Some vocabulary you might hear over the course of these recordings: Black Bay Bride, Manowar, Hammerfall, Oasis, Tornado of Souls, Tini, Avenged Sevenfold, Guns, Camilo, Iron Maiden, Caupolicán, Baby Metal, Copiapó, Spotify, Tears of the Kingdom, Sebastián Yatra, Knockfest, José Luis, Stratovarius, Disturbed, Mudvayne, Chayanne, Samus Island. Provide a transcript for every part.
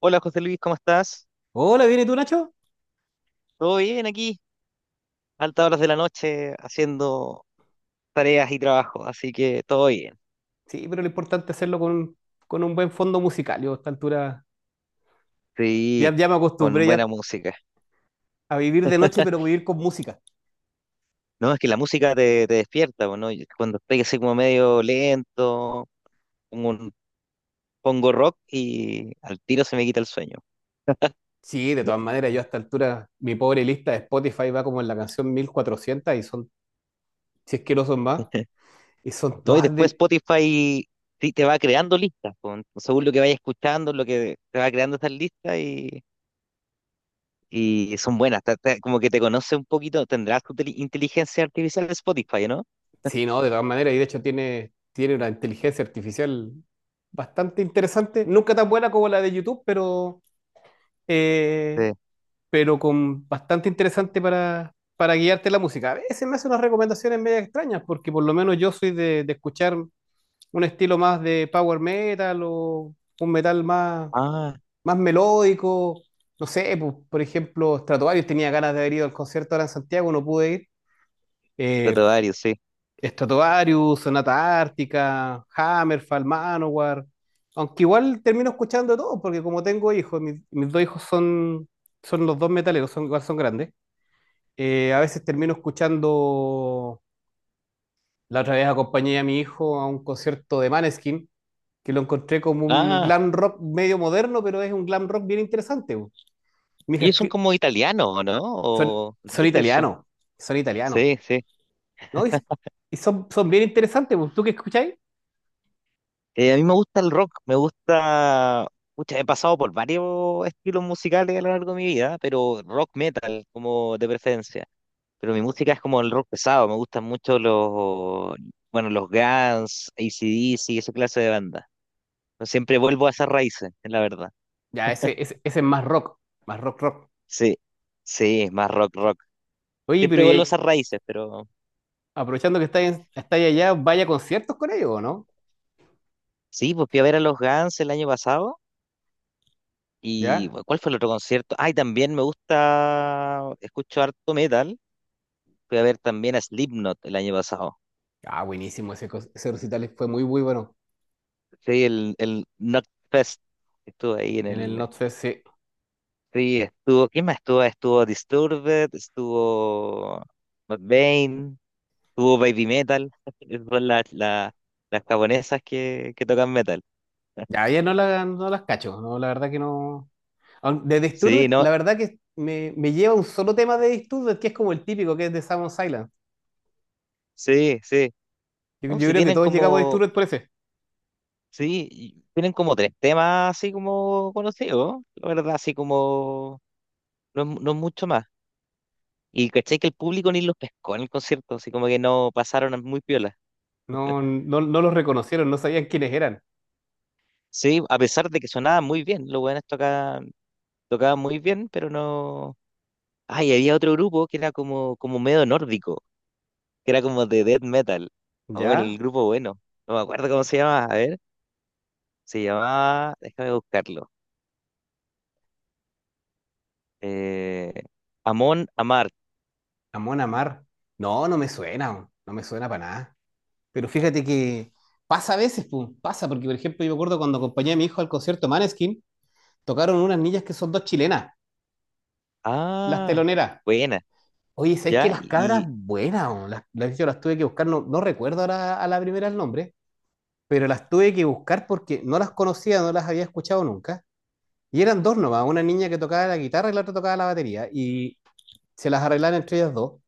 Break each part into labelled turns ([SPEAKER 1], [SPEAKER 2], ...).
[SPEAKER 1] Hola José Luis, ¿cómo estás?
[SPEAKER 2] Hola, ¿viene tú, Nacho?
[SPEAKER 1] ¿Todo bien aquí? Altas horas de la noche haciendo tareas y trabajo, así que todo bien.
[SPEAKER 2] Sí, pero lo importante es hacerlo con un buen fondo musical. Yo a esta altura
[SPEAKER 1] Sí,
[SPEAKER 2] ya me
[SPEAKER 1] con
[SPEAKER 2] acostumbré
[SPEAKER 1] buena
[SPEAKER 2] ya
[SPEAKER 1] música.
[SPEAKER 2] a vivir de noche, pero vivir con música.
[SPEAKER 1] No, es que la música te despierta, po, ¿no? Yo, cuando estoy así como medio lento, pongo, un- pongo rock y al tiro se me quita el sueño.
[SPEAKER 2] Sí, de todas maneras, yo a esta altura, mi pobre lista de Spotify va como en la canción 1400 y son, si es que no son más, y son
[SPEAKER 1] ¿No? Y
[SPEAKER 2] todas
[SPEAKER 1] después
[SPEAKER 2] del...
[SPEAKER 1] Spotify sí te va creando listas, po, ¿no? Según lo que vayas escuchando, lo que te va creando esas listas. Y son buenas, como que te conoce un poquito, tendrás tu inteligencia artificial de Spotify, ¿no?
[SPEAKER 2] Sí, no, de todas maneras, y de hecho tiene una inteligencia artificial bastante interesante, nunca tan buena como la de YouTube, eh,
[SPEAKER 1] Sí.
[SPEAKER 2] pero con bastante interesante para guiarte la música. A veces me hace unas recomendaciones medio extrañas, porque por lo menos yo soy de escuchar un estilo más de power metal o un metal más,
[SPEAKER 1] Ah,
[SPEAKER 2] más melódico. No sé, pues, por ejemplo, Stratovarius tenía ganas de haber ido al concierto ahora en Santiago, no pude ir. Eh,
[SPEAKER 1] varios, sí.
[SPEAKER 2] Stratovarius, Sonata Ártica, Hammerfall, Manowar. Aunque igual termino escuchando de todo, porque como tengo hijos, mis dos hijos son, son los dos metaleros, son, igual son grandes. A veces termino escuchando, la otra vez acompañé a mi hijo a un concierto de Maneskin, que lo encontré como un
[SPEAKER 1] Ah,
[SPEAKER 2] glam rock medio moderno, pero es un glam rock bien interesante. Bu. Mi hija, es
[SPEAKER 1] ellos son
[SPEAKER 2] que
[SPEAKER 1] como italianos, ¿o no?
[SPEAKER 2] son,
[SPEAKER 1] ¿O qué país son?
[SPEAKER 2] son italianos,
[SPEAKER 1] Sí, sí.
[SPEAKER 2] ¿no? Y son, son bien interesantes. Bu. ¿Tú qué escucháis?
[SPEAKER 1] A mí me gusta el rock, me gusta... Pucha, he pasado por varios estilos musicales a lo largo de mi vida, pero rock metal como de preferencia. Pero mi música es como el rock pesado, me gustan mucho los, bueno, los Guns, AC/DC, esa clase de banda. Siempre vuelvo a esas raíces, es la verdad.
[SPEAKER 2] Ya, ese es más rock, rock.
[SPEAKER 1] Sí, sí, es más rock, rock.
[SPEAKER 2] Oye, pero
[SPEAKER 1] Siempre
[SPEAKER 2] y
[SPEAKER 1] vuelvo a
[SPEAKER 2] ahí,
[SPEAKER 1] esas raíces, pero
[SPEAKER 2] aprovechando que estáis allá, vaya a conciertos con ellos, ¿o no?
[SPEAKER 1] sí, pues fui a ver a los Guns el año pasado. ¿Y
[SPEAKER 2] ¿Ya?
[SPEAKER 1] bueno, cuál fue el otro concierto? Ay, también me gusta, escucho harto metal. Fui a ver también a Slipknot el año pasado.
[SPEAKER 2] Ah, buenísimo, ese, ese recital fue muy, muy bueno.
[SPEAKER 1] Sí, el Knockfest. Estuvo ahí en
[SPEAKER 2] En el
[SPEAKER 1] el.
[SPEAKER 2] Notfest, sí.
[SPEAKER 1] Sí, estuvo. ¿Quién más estuvo? Estuvo Disturbed, estuvo Mudvayne, estuvo Baby Metal. Esas son las japonesas que tocan metal.
[SPEAKER 2] Ya, ya no, la, no las cacho, no, la verdad que no. De
[SPEAKER 1] Sí,
[SPEAKER 2] Disturbed,
[SPEAKER 1] no,
[SPEAKER 2] la verdad que me lleva un solo tema de Disturbed, que es como el típico, que es de Samus Island.
[SPEAKER 1] sí, sí. No,
[SPEAKER 2] Yo
[SPEAKER 1] si
[SPEAKER 2] creo que
[SPEAKER 1] tienen
[SPEAKER 2] todos llegamos a
[SPEAKER 1] como,
[SPEAKER 2] Disturbed por ese.
[SPEAKER 1] sí, y tienen como tres temas así como conocidos, la verdad, así como, no, no es mucho más. Y caché que el público ni los pescó en el concierto, así como que no pasaron muy piola.
[SPEAKER 2] No, no, no los reconocieron, no sabían quiénes eran.
[SPEAKER 1] Sí, a pesar de que sonaba muy bien, los buenos tocaban muy bien, pero no. Ay, había otro grupo que era como medio nórdico, que era como de death metal. O el
[SPEAKER 2] ¿Ya?
[SPEAKER 1] grupo bueno, no me acuerdo cómo se llamaba, a ver, se llamaba, déjame buscarlo. Eh, Amon Amarth.
[SPEAKER 2] Amon Amar. No, no me suena, weón, no me suena para nada. Pero fíjate que pasa a veces, pum, pasa, porque por ejemplo yo me acuerdo cuando acompañé a mi hijo al concierto Maneskin, tocaron unas niñas que son dos chilenas, las
[SPEAKER 1] Ah,
[SPEAKER 2] teloneras.
[SPEAKER 1] buena,
[SPEAKER 2] Oye, ¿sabes que
[SPEAKER 1] ya,
[SPEAKER 2] las cabras
[SPEAKER 1] y,
[SPEAKER 2] buenas? Weón, de hecho, las tuve que buscar, no, no recuerdo ahora a la primera el nombre, pero las tuve que buscar porque no las conocía, no las había escuchado nunca. Y eran dos nomás, una niña que tocaba la guitarra y la otra tocaba la batería. Y se las arreglaron entre ellas dos.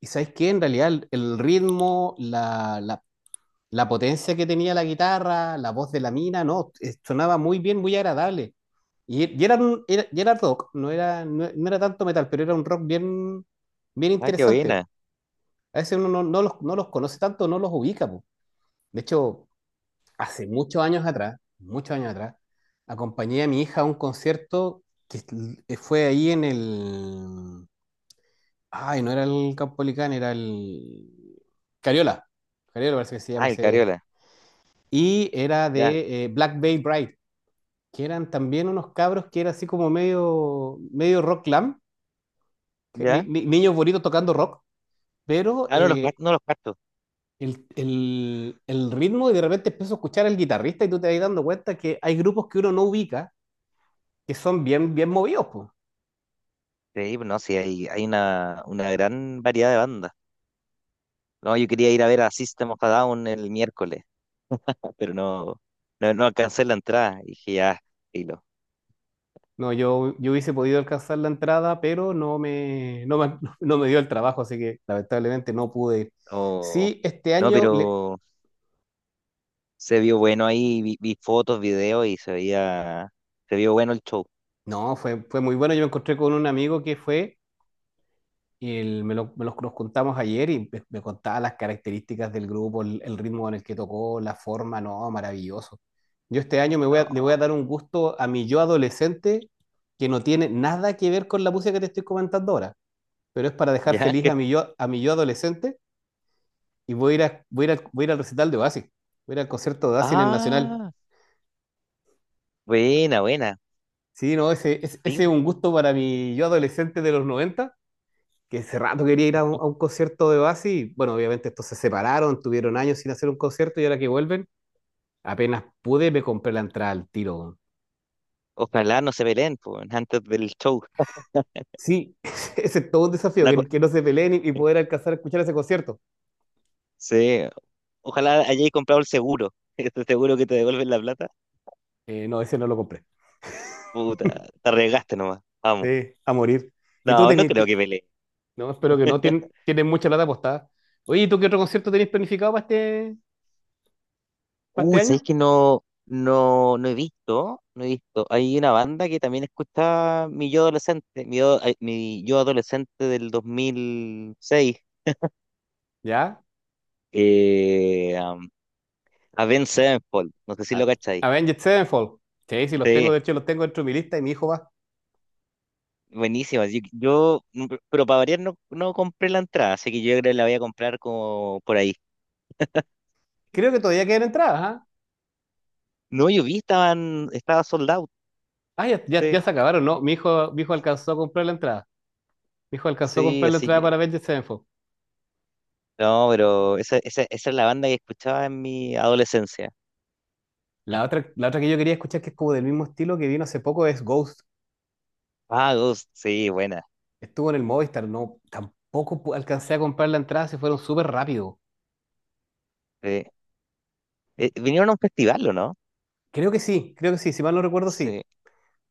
[SPEAKER 2] Y ¿sabes qué? En realidad el ritmo, la potencia que tenía la guitarra, la voz de la mina, no, sonaba muy bien, muy agradable. Y era, y era rock, no era, no, no era tanto metal, pero era un rock bien, bien
[SPEAKER 1] ah, qué
[SPEAKER 2] interesante.
[SPEAKER 1] buena.
[SPEAKER 2] A veces uno no, no los, no los conoce tanto, no los ubica, po. De hecho, hace muchos años atrás, acompañé a mi hija a un concierto que es- fue ahí en el... Ay, no era el Caupolicán, era el... Cariola. Cariola parece que se llama
[SPEAKER 1] Ah, el
[SPEAKER 2] ese...
[SPEAKER 1] Cariola,
[SPEAKER 2] Y era
[SPEAKER 1] ya,
[SPEAKER 2] de Black Bay Bride, que eran también unos cabros que era así como medio, medio rock glam,
[SPEAKER 1] ya.
[SPEAKER 2] niños bonitos tocando rock, pero
[SPEAKER 1] Ah, no los cuartos.
[SPEAKER 2] el ritmo y de repente empiezo a escuchar al guitarrista y tú te vas dando cuenta que hay grupos que uno no ubica que son bien, bien movidos, pues.
[SPEAKER 1] Sí, no, sí, hay una gran variedad de bandas. No, yo quería ir a ver a System of a Down el miércoles, pero no alcancé la entrada. Y dije, ya, filo.
[SPEAKER 2] No, yo hubiese podido alcanzar la entrada, pero no me, no me, no me dio el trabajo, así que lamentablemente no pude ir.
[SPEAKER 1] No,
[SPEAKER 2] Sí, este
[SPEAKER 1] no,
[SPEAKER 2] año,
[SPEAKER 1] pero se vio bueno ahí, vi fotos, videos y se veía, se vio bueno el show.
[SPEAKER 2] no, fue, fue muy bueno. Yo me encontré con un amigo que fue. Y me los, nos contamos ayer y me contaba las características del grupo, el ritmo con el que tocó, la forma, no, maravilloso. Yo este año me voy
[SPEAKER 1] No,
[SPEAKER 2] le voy a dar un gusto a mi yo adolescente que no tiene nada que ver con la música que te estoy comentando ahora, pero es para dejar
[SPEAKER 1] ya,
[SPEAKER 2] feliz
[SPEAKER 1] que,
[SPEAKER 2] a mi yo adolescente y voy a ir, voy a ir al, voy a ir al recital de Oasis, voy a ir al concierto de Oasis en el Nacional.
[SPEAKER 1] ah, buena, buena.
[SPEAKER 2] Sí, no, ese, ese es
[SPEAKER 1] Sí.
[SPEAKER 2] un gusto para mi yo adolescente de los 90 que hace rato quería ir a un concierto de Oasis. Y, bueno, obviamente estos se separaron, tuvieron años sin hacer un concierto y ahora que vuelven, apenas pude, me compré la entrada al tiro, weón.
[SPEAKER 1] Ojalá no se peleen, po, weón, antes del show.
[SPEAKER 2] Sí, ese es todo un desafío,
[SPEAKER 1] La co-
[SPEAKER 2] que no se peleen y poder alcanzar a escuchar ese concierto.
[SPEAKER 1] sí, ojalá hayáis comprado el seguro. Este seguro que te devuelven la plata.
[SPEAKER 2] No, ese no lo compré.
[SPEAKER 1] Puta, te arriesgaste nomás. Vamos.
[SPEAKER 2] Sí, a morir. ¿Y tú
[SPEAKER 1] No, no
[SPEAKER 2] tenés,
[SPEAKER 1] creo que peleen.
[SPEAKER 2] no, espero que no, tienes mucha plata apostada. Oye, ¿y tú qué otro concierto tenéis planificado para este
[SPEAKER 1] ¿Sabéis
[SPEAKER 2] año?
[SPEAKER 1] que no he visto? No he visto. Hay una banda que también escuchaba mi yo adolescente, mi yo, ay, mi yo adolescente del 2006,
[SPEAKER 2] ¿Ya?
[SPEAKER 1] eh, um, Avenged Sevenfold. No sé si
[SPEAKER 2] A-
[SPEAKER 1] lo cacháis.
[SPEAKER 2] Avenged Sevenfold. Sí, sí, los tengo,
[SPEAKER 1] Sí,
[SPEAKER 2] de hecho los tengo dentro de mi lista y mi hijo va.
[SPEAKER 1] buenísimas. Pero para variar no compré la entrada, así que yo creo que la voy a comprar como por ahí.
[SPEAKER 2] Creo que todavía quedan entradas, ¿ah?
[SPEAKER 1] No, yo vi, estaba sold out.
[SPEAKER 2] Ah, ya, ya, ya
[SPEAKER 1] Sí,
[SPEAKER 2] se acabaron, ¿no? Mi hijo alcanzó a comprar la entrada. Mi hijo alcanzó a
[SPEAKER 1] sí,
[SPEAKER 2] comprar la
[SPEAKER 1] así
[SPEAKER 2] entrada
[SPEAKER 1] que.
[SPEAKER 2] para Avengers Sevenfold.
[SPEAKER 1] No, pero esa es la banda que escuchaba en mi adolescencia.
[SPEAKER 2] La otra que yo quería escuchar, que es como del mismo estilo que vino hace poco, es Ghost.
[SPEAKER 1] Vagos, sí, buena.
[SPEAKER 2] Estuvo en el Movistar, no, tampoco alcancé a comprar la entrada, se fueron súper rápido.
[SPEAKER 1] Sí. Vinieron a un festival, ¿o no?
[SPEAKER 2] Creo que sí, si mal no recuerdo, sí.
[SPEAKER 1] Sí,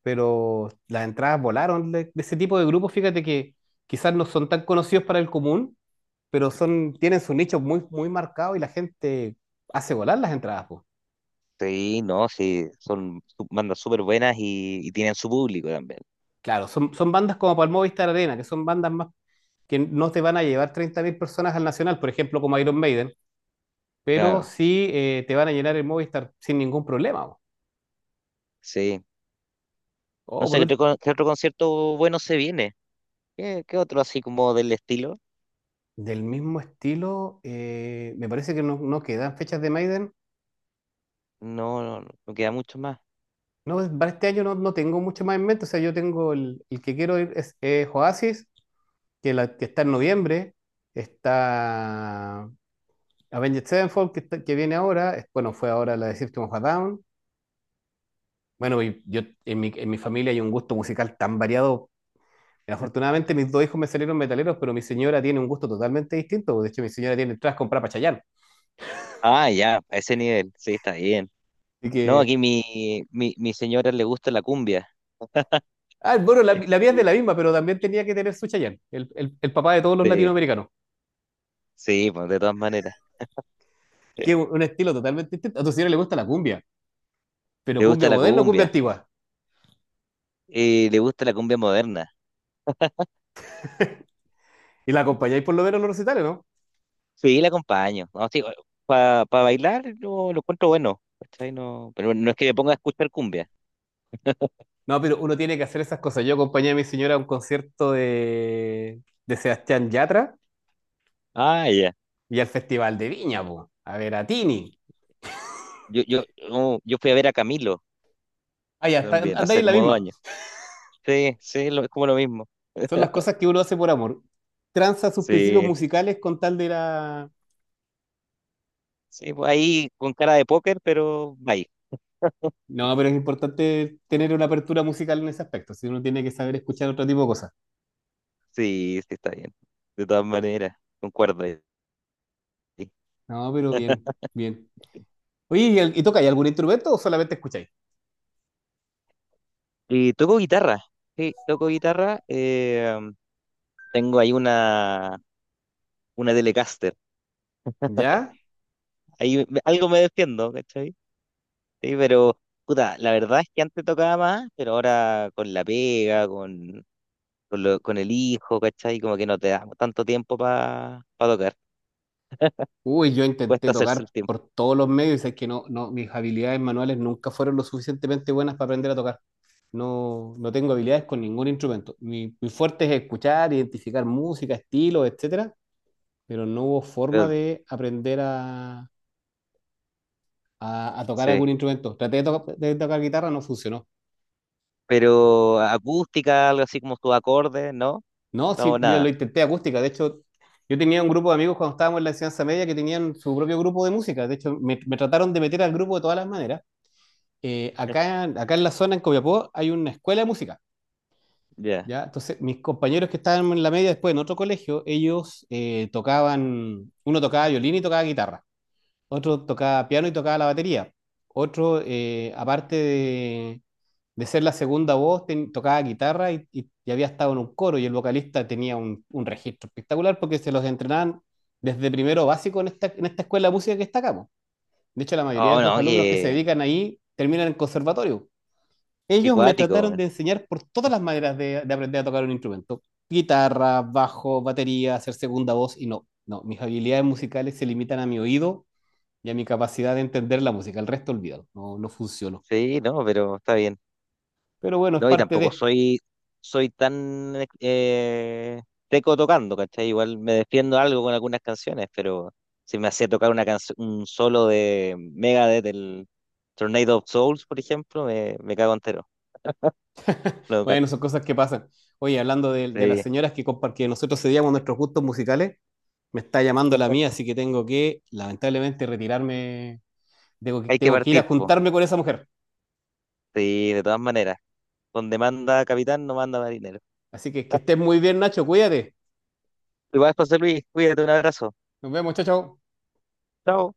[SPEAKER 2] Pero las entradas volaron de ese tipo de grupos, fíjate que quizás no son tan conocidos para el común, pero son, tienen su nicho muy, muy marcado y la gente hace volar las entradas, pues.
[SPEAKER 1] sí, no, sí, son bandas súper buenas y tienen su público también.
[SPEAKER 2] Claro, son, son bandas como para el Movistar Arena, que son bandas más que no te van a llevar 30.000 personas al Nacional, por ejemplo, como Iron Maiden, pero
[SPEAKER 1] Claro,
[SPEAKER 2] sí te van a llenar el Movistar sin ningún problema, po.
[SPEAKER 1] sí. No
[SPEAKER 2] O
[SPEAKER 1] sé,
[SPEAKER 2] por un-
[SPEAKER 1] qué otro concierto bueno se viene? ¿Qué otro así como del estilo?
[SPEAKER 2] del mismo estilo, me parece que no, no quedan fechas de Maiden.
[SPEAKER 1] No, no, no. No queda mucho más.
[SPEAKER 2] No, para este año no, no tengo mucho más en mente. O sea, yo tengo el que quiero ir es Oasis, que, la, que está en noviembre. Está Avenged Sevenfold, que, que viene ahora. Bueno, fue ahora la de System of a Down. Bueno, y yo en mi familia hay un gusto musical tan variado. Afortunadamente mis dos hijos me salieron metaleros, pero mi señora tiene un gusto totalmente distinto. De hecho, mi señora tiene entradas compradas para Chayanne.
[SPEAKER 1] Ah, ya, a ese nivel, sí, está bien.
[SPEAKER 2] Así
[SPEAKER 1] No,
[SPEAKER 2] que,
[SPEAKER 1] aquí mi señora le gusta la cumbia.
[SPEAKER 2] ah, bueno, la,
[SPEAKER 1] Le
[SPEAKER 2] la mía es de
[SPEAKER 1] gu-
[SPEAKER 2] la misma, pero también tenía que tener su Chayanne, el papá de todos los
[SPEAKER 1] de-
[SPEAKER 2] latinoamericanos,
[SPEAKER 1] sí, pues de todas maneras.
[SPEAKER 2] que es un estilo totalmente distinto. A tu señora le gusta la cumbia, pero
[SPEAKER 1] Le
[SPEAKER 2] cumbia
[SPEAKER 1] gusta la
[SPEAKER 2] moderna o cumbia
[SPEAKER 1] cumbia.
[SPEAKER 2] antigua.
[SPEAKER 1] Y le gusta la cumbia moderna.
[SPEAKER 2] Y la acompañáis por lo menos en los recitales, ¿no?
[SPEAKER 1] Sí, la acompaño. No, sí, para bailar yo lo encuentro bueno. ¿Cachai? No, pero no es que me ponga a escuchar cumbia.
[SPEAKER 2] No, pero uno tiene que hacer esas cosas. Yo acompañé a mi señora a un concierto de Sebastián Yatra
[SPEAKER 1] Ah, ya.
[SPEAKER 2] y al Festival de Viña, po, a ver a Tini.
[SPEAKER 1] Yo fui a ver a Camilo
[SPEAKER 2] Ah, ya, está,
[SPEAKER 1] también,
[SPEAKER 2] anda ahí
[SPEAKER 1] hace
[SPEAKER 2] en la
[SPEAKER 1] como dos
[SPEAKER 2] misma.
[SPEAKER 1] años. Sí, sí, es como lo mismo.
[SPEAKER 2] Son las cosas que uno hace por amor. Tranza sus principios
[SPEAKER 1] Sí,
[SPEAKER 2] musicales con tal de la.
[SPEAKER 1] sí, pues ahí con cara de póker, pero bye.
[SPEAKER 2] No, pero es importante tener una apertura musical en ese aspecto. Si uno tiene que saber escuchar otro tipo de cosas.
[SPEAKER 1] Sí, sí, está bien. De todas maneras, concuerdo ahí.
[SPEAKER 2] No, pero bien, bien. Oye, ¿y, y tocáis algún instrumento o solamente escucháis?
[SPEAKER 1] Y toco guitarra. Sí, toco guitarra. Tengo ahí una Telecaster.
[SPEAKER 2] ¿Ya?
[SPEAKER 1] Ahí algo me defiendo, ¿cachai? Sí, pero, puta, la verdad es que antes tocaba más, pero ahora con la pega, con el hijo, ¿cachai? Como que no te da tanto tiempo para tocar.
[SPEAKER 2] Uy, yo intenté
[SPEAKER 1] Cuesta hacerse
[SPEAKER 2] tocar
[SPEAKER 1] el tiempo.
[SPEAKER 2] por todos los medios y sé que no, no, mis habilidades manuales nunca fueron lo suficientemente buenas para aprender a tocar. No, no tengo habilidades con ningún instrumento. Mi fuerte es escuchar, identificar música, estilos, etcétera, pero no hubo forma
[SPEAKER 1] Pero,
[SPEAKER 2] de aprender a tocar algún
[SPEAKER 1] sí.
[SPEAKER 2] instrumento. Traté de, de tocar guitarra, no funcionó.
[SPEAKER 1] Pero acústica, algo así como sus acordes, ¿no?
[SPEAKER 2] No, sí,
[SPEAKER 1] No,
[SPEAKER 2] mira, lo
[SPEAKER 1] nada.
[SPEAKER 2] intenté acústica. De hecho, yo tenía un grupo de amigos cuando estábamos en la enseñanza media que tenían su propio grupo de música. De hecho, me trataron de meter al grupo de todas las maneras. Acá, acá en la zona, en Copiapó, hay una escuela de música.
[SPEAKER 1] Ya.
[SPEAKER 2] ¿Ya? Entonces, mis compañeros que estaban en la media después en otro colegio, ellos tocaban, uno tocaba violín y tocaba guitarra. Otro tocaba piano y tocaba la batería. Otro, aparte de ser la segunda voz, tocaba guitarra y, y había estado en un coro. Y el vocalista tenía un registro espectacular porque se los entrenaban desde primero básico en esta escuela de música que está acá, po. De hecho, la mayoría
[SPEAKER 1] Oh,
[SPEAKER 2] de los
[SPEAKER 1] no,
[SPEAKER 2] alumnos que se
[SPEAKER 1] que.
[SPEAKER 2] dedican ahí terminan en conservatorio.
[SPEAKER 1] Qué
[SPEAKER 2] Ellos me
[SPEAKER 1] cuático,
[SPEAKER 2] trataron
[SPEAKER 1] weón.
[SPEAKER 2] de enseñar por todas las maneras de aprender a tocar un instrumento. Guitarra, bajo, batería, hacer segunda voz y no, no, mis habilidades musicales se limitan a mi oído y a mi capacidad de entender la música. El resto olvídalo, no, no funcionó.
[SPEAKER 1] Sí, no, pero está bien.
[SPEAKER 2] Pero bueno, es
[SPEAKER 1] No, y
[SPEAKER 2] parte
[SPEAKER 1] tampoco
[SPEAKER 2] de.
[SPEAKER 1] soy tan eh, teco tocando, ¿cachai? Igual me defiendo algo con algunas canciones, pero si me hacía tocar una canción, un solo de Megadeth, del Tornado of Souls, por ejemplo, me cago entero. No,
[SPEAKER 2] Bueno,
[SPEAKER 1] cacho.
[SPEAKER 2] son cosas que pasan. Oye, hablando de las
[SPEAKER 1] Sí,
[SPEAKER 2] señoras que, que nosotros cedíamos nuestros gustos musicales, me está llamando la mía, así que tengo que, lamentablemente, retirarme.
[SPEAKER 1] hay que
[SPEAKER 2] Tengo que ir a
[SPEAKER 1] partir, po.
[SPEAKER 2] juntarme con esa mujer.
[SPEAKER 1] Sí, de todas maneras. Donde manda capitán, no manda marinero.
[SPEAKER 2] Así que estés muy bien, Nacho, cuídate.
[SPEAKER 1] Igual, José Luis, cuídate, un abrazo.
[SPEAKER 2] Nos vemos, chao, chao.
[SPEAKER 1] Chao.